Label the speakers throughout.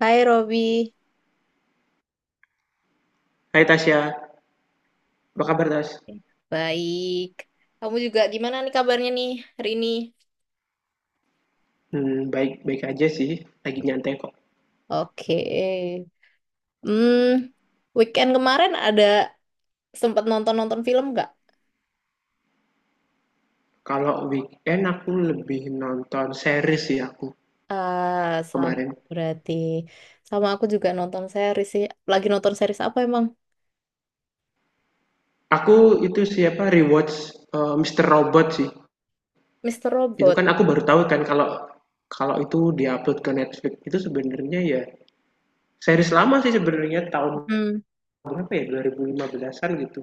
Speaker 1: Hai Robi,
Speaker 2: Hai Tasya, apa kabar Tas?
Speaker 1: baik. Kamu juga gimana nih kabarnya hari ini?
Speaker 2: Baik-baik aja sih, lagi nyantai kok.
Speaker 1: Oke. Hmm, Weekend kemarin ada sempat nonton-nonton film nggak?
Speaker 2: Kalau weekend aku lebih nonton series sih aku
Speaker 1: Ah, sama
Speaker 2: kemarin.
Speaker 1: berarti. Sama aku juga nonton series sih. Lagi nonton series apa emang?
Speaker 2: Aku itu siapa rewatch Mr. Robot sih.
Speaker 1: Mister
Speaker 2: Itu
Speaker 1: Robot.
Speaker 2: kan aku baru tahu kan kalau kalau itu diupload ke Netflix itu sebenarnya ya series lama sih sebenarnya tahun
Speaker 1: Hmm.
Speaker 2: berapa ya 2015-an gitu.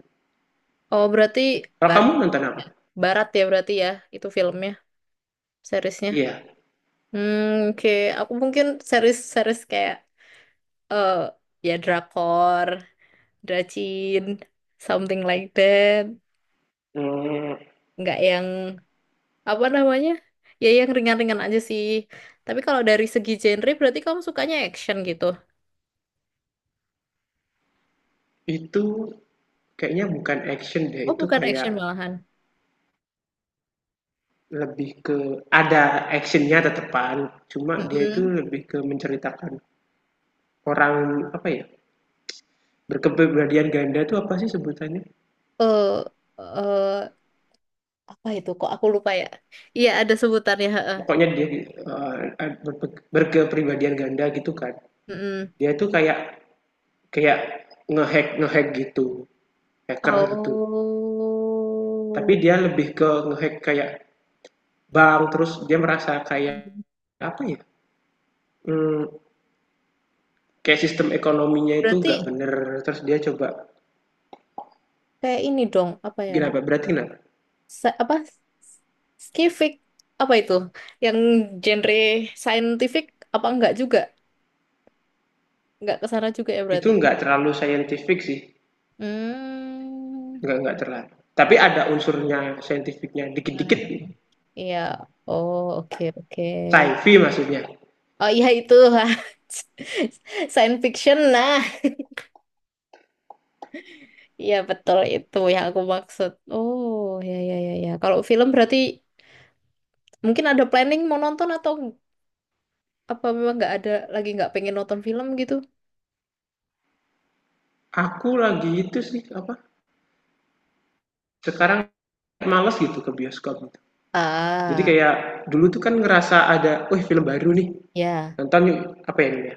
Speaker 1: Oh berarti
Speaker 2: Kalau
Speaker 1: barat,
Speaker 2: kamu nonton apa?
Speaker 1: barat ya berarti ya itu filmnya, seriesnya.
Speaker 2: Iya.
Speaker 1: Hmm, oke. Aku mungkin series-series kayak eh ya drakor, rajin, something like that.
Speaker 2: Hmm,
Speaker 1: Nggak yang apa namanya? Ya yang ringan-ringan aja sih. Tapi kalau dari segi genre berarti kamu sukanya action gitu.
Speaker 2: itu kayaknya bukan action deh,
Speaker 1: Oh,
Speaker 2: itu
Speaker 1: bukan
Speaker 2: kayak
Speaker 1: action malahan.
Speaker 2: lebih ke ada actionnya tetepan, cuma dia itu
Speaker 1: Mm-mm.
Speaker 2: lebih ke menceritakan orang, apa ya, berkepribadian ganda itu apa sih sebutannya?
Speaker 1: Eh, eh, apa itu? Kok aku lupa ya? Iya, ada sebutannya, heeh.
Speaker 2: Pokoknya dia eh, berkepribadian ganda gitu kan.
Speaker 1: Mm-mm.
Speaker 2: Dia itu kayak kayak ngehack ngehack gitu, hacker gitu. Tapi
Speaker 1: Oh.
Speaker 2: dia lebih ke ngehack kayak bank, terus dia merasa kayak apa ya? Hmm, kayak sistem ekonominya itu
Speaker 1: Berarti
Speaker 2: nggak bener, terus dia coba
Speaker 1: kayak ini dong, apa ya nama?
Speaker 2: gimana? Berarti kenapa?
Speaker 1: Sa- apa? Skifik apa itu? Yang genre scientific apa enggak juga? Nggak ke sana juga ya
Speaker 2: Itu
Speaker 1: berarti.
Speaker 2: nggak terlalu scientific sih,
Speaker 1: Hmm.
Speaker 2: nggak terlalu tapi
Speaker 1: Ah,
Speaker 2: ada unsurnya scientificnya
Speaker 1: mm,
Speaker 2: dikit-dikit,
Speaker 1: mm, mm. Iya. Oh, oke, oke.
Speaker 2: sci-fi maksudnya.
Speaker 1: Oh iya itu. Science fiction. Nah, iya betul itu yang aku maksud. Oh, ya ya ya ya. Kalau film berarti mungkin ada planning mau nonton atau apa memang nggak ada lagi nggak pengen nonton film gitu?
Speaker 2: Aku lagi itu sih apa, sekarang males gitu ke bioskop gitu, jadi
Speaker 1: Ah,
Speaker 2: kayak dulu tuh kan ngerasa ada wih film baru nih
Speaker 1: ya.
Speaker 2: nonton yuk, apa ya ini ya,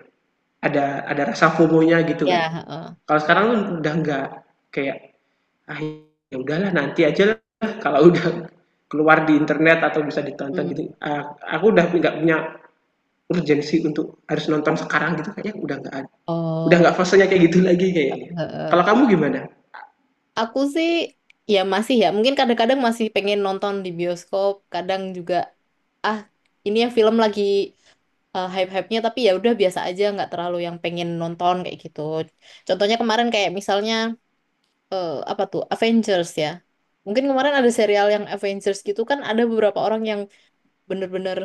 Speaker 2: ada ada rasa fomonya gitu kan.
Speaker 1: Ya, heeh.
Speaker 2: Kalau sekarang tuh udah nggak kayak ah ya udahlah nanti aja lah kalau udah keluar di internet atau bisa ditonton
Speaker 1: Hmm.
Speaker 2: gitu ah, aku udah nggak punya urgensi untuk harus nonton sekarang gitu, kayaknya udah nggak ada, udah
Speaker 1: Oh,
Speaker 2: nggak fasenya kayak gitu lagi kayaknya.
Speaker 1: heeh.
Speaker 2: Kalau kamu gimana?
Speaker 1: Aku sih ya masih ya, mungkin kadang-kadang masih pengen nonton di bioskop, kadang juga ah ini ya film lagi hype-hype-nya tapi ya udah biasa aja nggak terlalu yang pengen nonton kayak gitu. Contohnya kemarin kayak misalnya apa tuh Avengers ya. Mungkin kemarin ada serial yang Avengers gitu kan ada beberapa orang yang bener-bener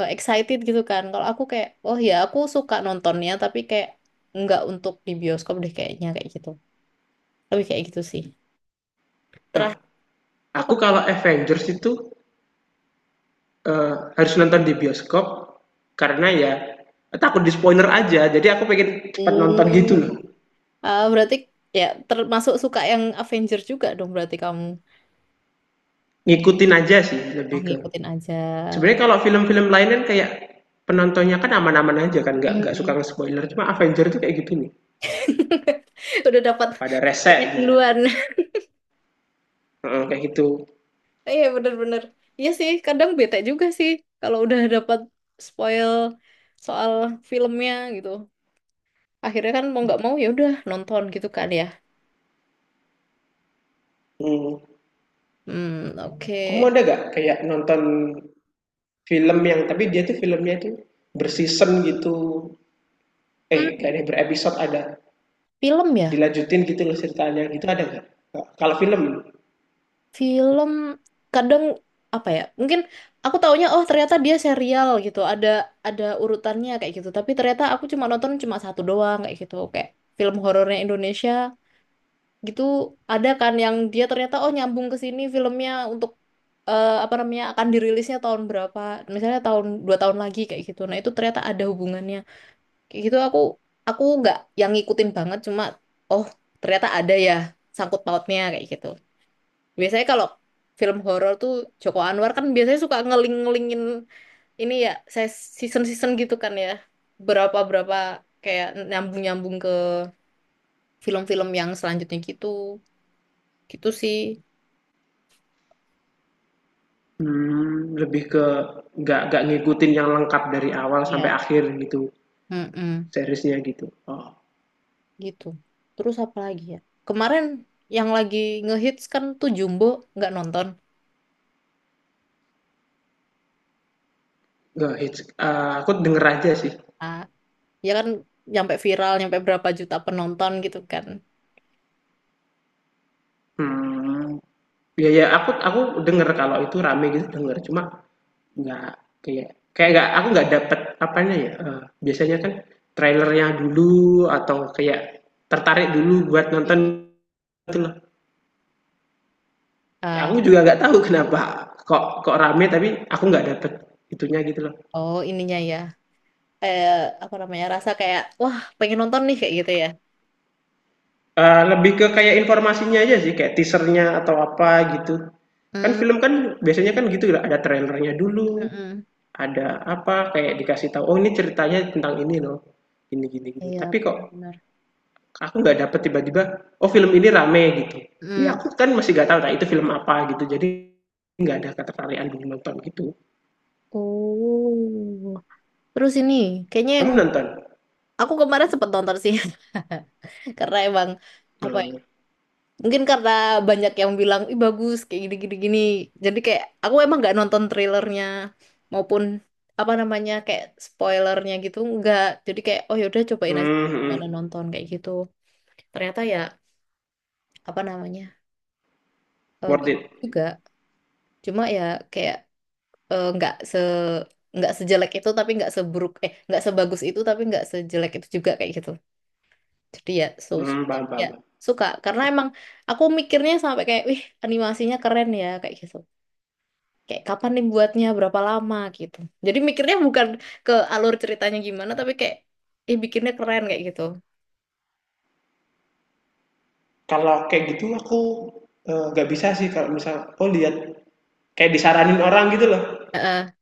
Speaker 1: excited gitu kan. Kalau aku kayak oh ya aku suka nontonnya tapi kayak nggak untuk di bioskop deh kayaknya kayak gitu. Lebih kayak gitu sih.
Speaker 2: Nah,
Speaker 1: Terakhir
Speaker 2: aku
Speaker 1: apa?
Speaker 2: kalau Avengers itu harus nonton di bioskop karena ya takut di spoiler aja jadi aku pengen cepat nonton gitu
Speaker 1: Hmm.
Speaker 2: loh.
Speaker 1: Ah, berarti ya termasuk suka yang Avenger juga dong berarti kamu
Speaker 2: Ngikutin aja sih,
Speaker 1: oh,
Speaker 2: lebih ke
Speaker 1: ngikutin aja.
Speaker 2: sebenarnya kalau film-film lain kan kayak penontonnya kan aman-aman aja kan nggak suka
Speaker 1: Mm-mm.
Speaker 2: nge-spoiler, cuma Avengers itu kayak gitu nih,
Speaker 1: Udah dapat
Speaker 2: pada resek
Speaker 1: punya
Speaker 2: gitu.
Speaker 1: duluan.
Speaker 2: Heeh, kayak gitu.
Speaker 1: Iya bener-bener. Iya sih, kadang bete juga sih kalau udah dapat spoil soal filmnya gitu. Akhirnya kan mau nggak mau ya udah nonton gitu kan ya.
Speaker 2: Hmm.
Speaker 1: Hmm,
Speaker 2: Kamu
Speaker 1: oke.
Speaker 2: ada gak kayak nonton film yang tapi dia tuh filmnya tuh berseason gitu. Eh,
Speaker 1: Hmm,
Speaker 2: kayaknya berepisode ada.
Speaker 1: film ya.
Speaker 2: Dilanjutin gitu loh ceritanya. Gitu ada nggak? Kalau film
Speaker 1: Film kadang apa ya? Mungkin aku taunya oh ternyata dia serial gitu. Ada urutannya kayak gitu. Tapi ternyata aku cuma nonton cuma satu doang kayak gitu. Kayak film horornya Indonesia gitu ada kan yang dia ternyata oh nyambung ke sini filmnya untuk apa namanya akan dirilisnya tahun berapa? Misalnya tahun dua tahun lagi kayak gitu. Nah, itu ternyata ada hubungannya. Kayak gitu aku nggak yang ngikutin banget cuma oh ternyata ada ya sangkut pautnya kayak gitu. Biasanya kalau film horor tuh Joko Anwar kan biasanya suka ngeling-ngelingin ini ya, saya season-season gitu kan ya. Berapa-berapa kayak nyambung-nyambung ke film-film yang selanjutnya gitu. Gitu sih.
Speaker 2: hmm, lebih ke nggak ngikutin yang lengkap dari awal sampai
Speaker 1: Iya.
Speaker 2: akhir gitu,
Speaker 1: Mm-mm.
Speaker 2: seriesnya gitu. Oh.
Speaker 1: Gitu. Terus apa lagi ya? Kemarin yang lagi ngehits kan tuh Jumbo nggak nonton.
Speaker 2: Nggak hits. Eh, aku denger aja sih.
Speaker 1: Ah, ya kan nyampe viral, nyampe berapa juta penonton gitu kan.
Speaker 2: Hmm, ya ya aku denger kalau itu rame gitu denger. Cuma nggak kayak kayak nggak aku nggak dapet apanya ya eh, biasanya kan trailernya dulu atau kayak tertarik dulu buat nonton
Speaker 1: Hmm.
Speaker 2: gitu loh. Aku
Speaker 1: Ah,
Speaker 2: juga nggak tahu kenapa kok kok rame tapi aku nggak dapet itunya gitu loh.
Speaker 1: oh ininya ya. Eh, apa namanya? Rasa kayak wah, pengen nonton nih kayak gitu ya.
Speaker 2: Eh, lebih ke kayak informasinya aja sih kayak teasernya atau apa gitu, kan
Speaker 1: Hmm,
Speaker 2: film kan biasanya kan gitu ada trailernya dulu,
Speaker 1: mm-mm,
Speaker 2: ada apa kayak dikasih tahu oh ini ceritanya tentang ini loh, gini gini gini
Speaker 1: iya,
Speaker 2: tapi kok
Speaker 1: benar-benar.
Speaker 2: aku nggak dapet tiba-tiba oh film ini rame gitu, ya
Speaker 1: Hmm,
Speaker 2: aku kan masih nggak tahu nah itu film apa gitu jadi nggak ada ketertarikan dulu nonton gitu.
Speaker 1: oh, terus ini kayaknya yang
Speaker 2: Kamu nonton?
Speaker 1: aku kemarin sempet nonton sih, karena emang apa ya?
Speaker 2: Hmm,
Speaker 1: Mungkin karena banyak yang bilang, ih bagus kayak gini-gini gini. Gini. Jadi kayak aku emang nggak nonton trailernya maupun apa namanya kayak spoilernya gitu nggak. Jadi kayak oh yaudah cobain aja
Speaker 2: hmm, hmm.
Speaker 1: mana nonton kayak gitu. Ternyata ya apa namanya
Speaker 2: Worth
Speaker 1: bagus
Speaker 2: it.
Speaker 1: juga. Cuma ya kayak eh, nggak se nggak sejelek itu tapi nggak seburuk nggak sebagus itu tapi nggak sejelek itu juga kayak gitu jadi ya so, so-
Speaker 2: Hmm, paham,
Speaker 1: tapi ya
Speaker 2: paham, paham.
Speaker 1: suka karena emang aku mikirnya sampai kayak wih animasinya keren ya kayak gitu kayak kapan nih buatnya berapa lama gitu jadi mikirnya bukan ke alur ceritanya gimana tapi kayak bikinnya keren kayak gitu.
Speaker 2: Kalau kayak gitu aku eh, nggak bisa sih kalau misal oh lihat kayak disaranin orang gitu loh,
Speaker 1: Heeh.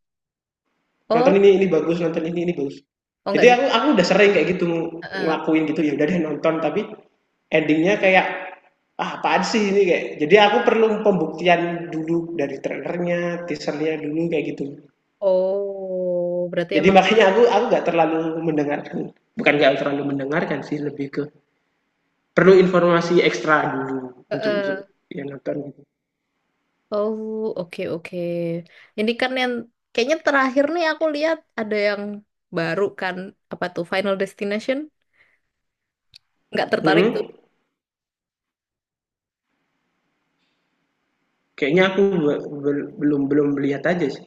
Speaker 2: nonton
Speaker 1: Oh.
Speaker 2: ini bagus nonton ini bagus,
Speaker 1: Oh
Speaker 2: jadi
Speaker 1: nggak bisa.
Speaker 2: aku udah sering kayak gitu
Speaker 1: Heeh.
Speaker 2: ngelakuin gitu ya udah deh nonton tapi endingnya kayak ah apaan sih ini kayak, jadi aku perlu pembuktian dulu dari trailernya teasernya dulu kayak gitu.
Speaker 1: Oh berarti
Speaker 2: Jadi
Speaker 1: emang.
Speaker 2: makanya aku nggak terlalu mendengarkan, bukan nggak terlalu mendengarkan sih, lebih ke perlu informasi ekstra dulu untuk
Speaker 1: Heeh.
Speaker 2: ya nonton gitu.
Speaker 1: Oh, oke oke. Ini kan yang kayaknya terakhir nih aku lihat ada yang baru kan apa tuh Final Destination? Nggak tertarik tuh.
Speaker 2: Mm, kayaknya aku be- be- belum belum melihat aja sih,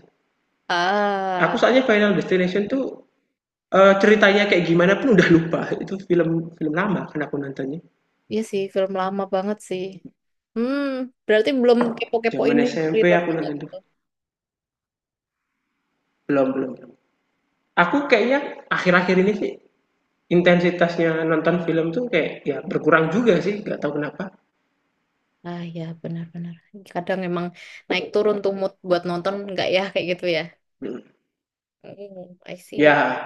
Speaker 2: aku
Speaker 1: Ah,
Speaker 2: soalnya Final Destination tuh, eee, ceritanya kayak gimana pun udah lupa, itu film film lama kan aku nontonnya,
Speaker 1: iya sih film lama banget sih. Hmm, berarti belum kepo-kepo
Speaker 2: jaman
Speaker 1: ini
Speaker 2: SMP
Speaker 1: thriller
Speaker 2: aku nonton tuh.
Speaker 1: gitu.
Speaker 2: Belum belum belum. Aku kayaknya akhir-akhir ini sih intensitasnya nonton film tuh kayak ya berkurang juga sih, nggak tahu kenapa.
Speaker 1: Ah ya benar-benar. Kadang emang naik turun tuh mood buat nonton nggak ya kayak gitu ya.
Speaker 2: Mhm.
Speaker 1: Hmm, I see.
Speaker 2: Ya,
Speaker 1: I see.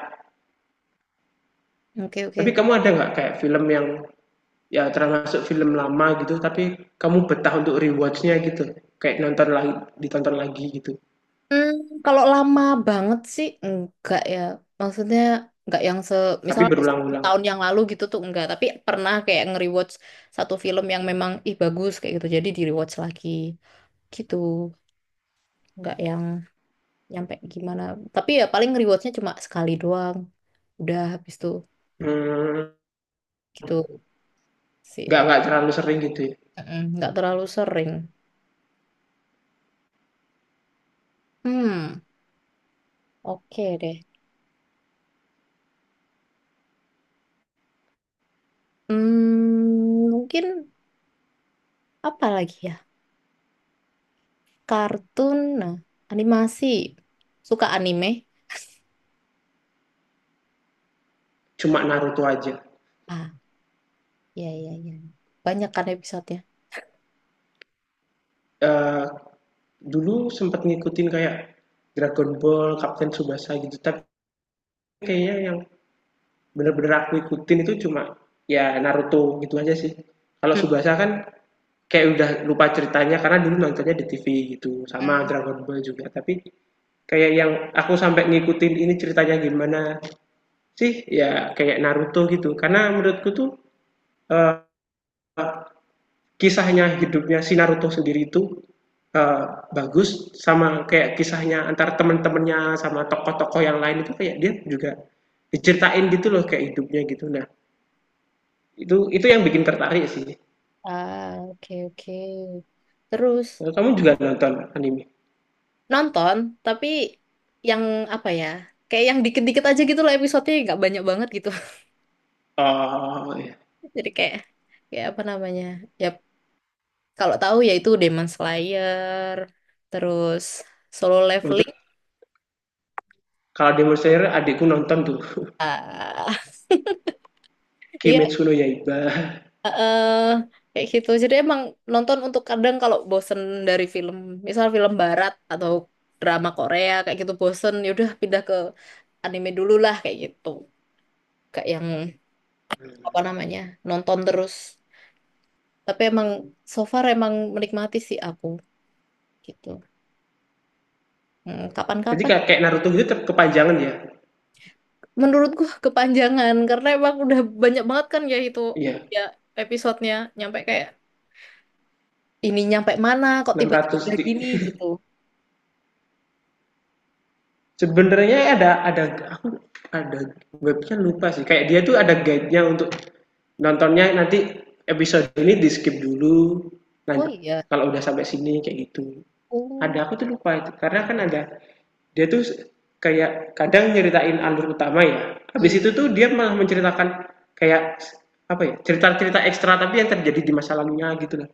Speaker 1: Oke oke.
Speaker 2: tapi kamu ada nggak kayak film yang ya termasuk film lama gitu, tapi kamu betah untuk rewatch gitu? Kayak nonton lagi, ditonton lagi gitu,
Speaker 1: Hmm, kalau lama banget sih enggak ya. Maksudnya enggak yang se misal
Speaker 2: tapi berulang-ulang?
Speaker 1: tahun yang lalu gitu tuh enggak, tapi pernah kayak nge-rewatch satu film yang memang ih bagus kayak gitu. Jadi di-rewatch lagi gitu. Enggak yang nyampe gimana. Tapi ya paling nge-rewatchnya cuma sekali doang. Udah habis tuh
Speaker 2: Mmm,
Speaker 1: gitu
Speaker 2: nggak
Speaker 1: sih.
Speaker 2: nggak terlalu sering gitu ya,
Speaker 1: Mm, enggak terlalu sering. Hmm, oke deh. Hmm, mungkin apa lagi ya? Kartun, nah, animasi. Suka anime?
Speaker 2: cuma Naruto aja?
Speaker 1: Ah, iya, iya, iya. Banyak kan episodenya.
Speaker 2: Eee dulu sempat ngikutin kayak Dragon Ball, Captain Tsubasa gitu. Tapi kayaknya yang bener-bener aku ikutin itu cuma ya Naruto gitu aja sih. Kalau
Speaker 1: Hmm,
Speaker 2: Tsubasa kan kayak udah lupa ceritanya karena dulu nontonnya di TV gitu. Sama
Speaker 1: hmm.
Speaker 2: Dragon Ball juga. Tapi kayak yang aku sampai ngikutin ini ceritanya gimana sih ya kayak Naruto gitu. Karena menurutku tuh eh, kisahnya hidupnya si Naruto sendiri itu eh, bagus sama kayak kisahnya antar temen-temennya sama tokoh-tokoh yang lain itu kayak dia juga diceritain gitu loh kayak hidupnya gitu, nah itu yang bikin tertarik sih.
Speaker 1: Ah, oke, oke. Terus,
Speaker 2: Kalau kamu juga nonton anime?
Speaker 1: nonton, tapi yang apa ya? Kayak yang dikit-dikit aja gitu loh episodenya, nggak banyak banget gitu.
Speaker 2: Oh iya.
Speaker 1: Jadi kayak, kayak apa namanya? Ya, kalau tahu yaitu Demon Slayer, terus Solo
Speaker 2: Betul.
Speaker 1: Leveling.
Speaker 2: Kalau Demon Slayer adikku nonton tuh.
Speaker 1: Iya,
Speaker 2: Kimetsu no Yaiba.
Speaker 1: eh kayak gitu. Jadi emang nonton untuk kadang kalau bosen dari film, misal film barat atau drama Korea kayak gitu bosen, yaudah pindah ke anime dulu lah kayak gitu. Kayak yang apa namanya nonton terus. Tapi emang so far emang menikmati sih aku gitu. Hmm,
Speaker 2: Jadi
Speaker 1: kapan-kapan
Speaker 2: kayak Naruto gitu ter- kepanjangan ya.
Speaker 1: menurutku kepanjangan karena emang udah banyak banget kan ya itu
Speaker 2: Iya,
Speaker 1: ya episodenya nyampe kayak ini nyampe mana kok
Speaker 2: enam
Speaker 1: tiba-tiba
Speaker 2: ratus
Speaker 1: udah
Speaker 2: di
Speaker 1: gini gitu.
Speaker 2: sebenarnya ada aku ada webnya lupa sih kayak dia tuh ada guide-nya untuk nontonnya, nanti episode ini di skip dulu, nanti
Speaker 1: Oh iya.
Speaker 2: kalau udah sampai sini kayak gitu
Speaker 1: Oh.
Speaker 2: ada, aku tuh lupa itu karena kan ada dia tuh kayak kadang nyeritain alur utama ya, habis
Speaker 1: Hmm.
Speaker 2: itu tuh dia malah menceritakan kayak apa ya cerita-cerita ekstra tapi yang terjadi di masa lalunya gitu lah,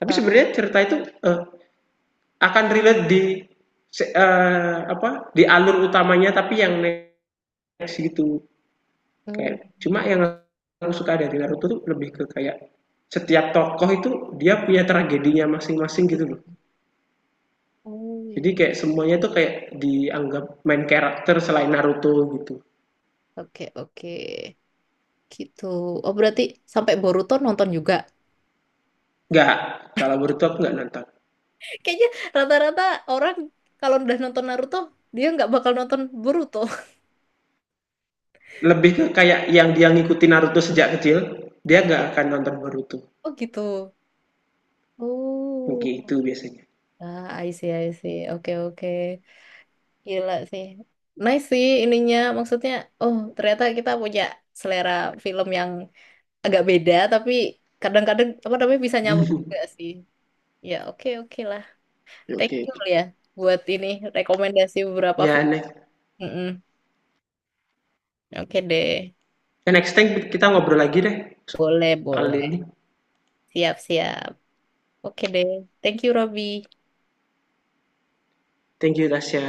Speaker 2: tapi
Speaker 1: eh,
Speaker 2: sebenarnya cerita itu eh, akan relate di se- eh, apa di alur utamanya tapi yang next gitu.
Speaker 1: Oh,
Speaker 2: Kayak cuma yang aku suka dari Naruto tuh lebih ke kayak setiap tokoh itu dia punya tragedinya masing-masing gitu loh,
Speaker 1: oh
Speaker 2: jadi
Speaker 1: ya.
Speaker 2: kayak semuanya tuh kayak dianggap main karakter selain Naruto gitu.
Speaker 1: Oke, oke. Gitu. Oh, berarti sampai Boruto nonton juga.
Speaker 2: Nggak, kalau Boruto aku nggak nonton.
Speaker 1: Kayaknya rata-rata orang kalau udah nonton Naruto, dia nggak bakal nonton Boruto.
Speaker 2: Lebih ke kayak yang dia ngikutin Naruto sejak kecil dia nggak akan nonton Boruto,
Speaker 1: Oh, gitu.
Speaker 2: oke
Speaker 1: Oh.
Speaker 2: itu biasanya.
Speaker 1: Ah, I see, I see. Oke, oke. Gila sih. Nice sih ininya. Maksudnya, oh, ternyata kita punya selera film yang agak beda, tapi kadang-kadang apa namanya bisa nyambung
Speaker 2: Oke oke.
Speaker 1: juga sih. Ya, oke, oke lah.
Speaker 2: Okay,
Speaker 1: Thank
Speaker 2: okay.
Speaker 1: you ya buat ini rekomendasi beberapa
Speaker 2: Ya
Speaker 1: film.
Speaker 2: next.
Speaker 1: Mm-mm. Oke deh,
Speaker 2: Ya, next time kita ngobrol lagi deh
Speaker 1: boleh
Speaker 2: soal
Speaker 1: boleh,
Speaker 2: ini.
Speaker 1: siap siap. Oke deh, thank you Robby.
Speaker 2: Thank you, Tasya.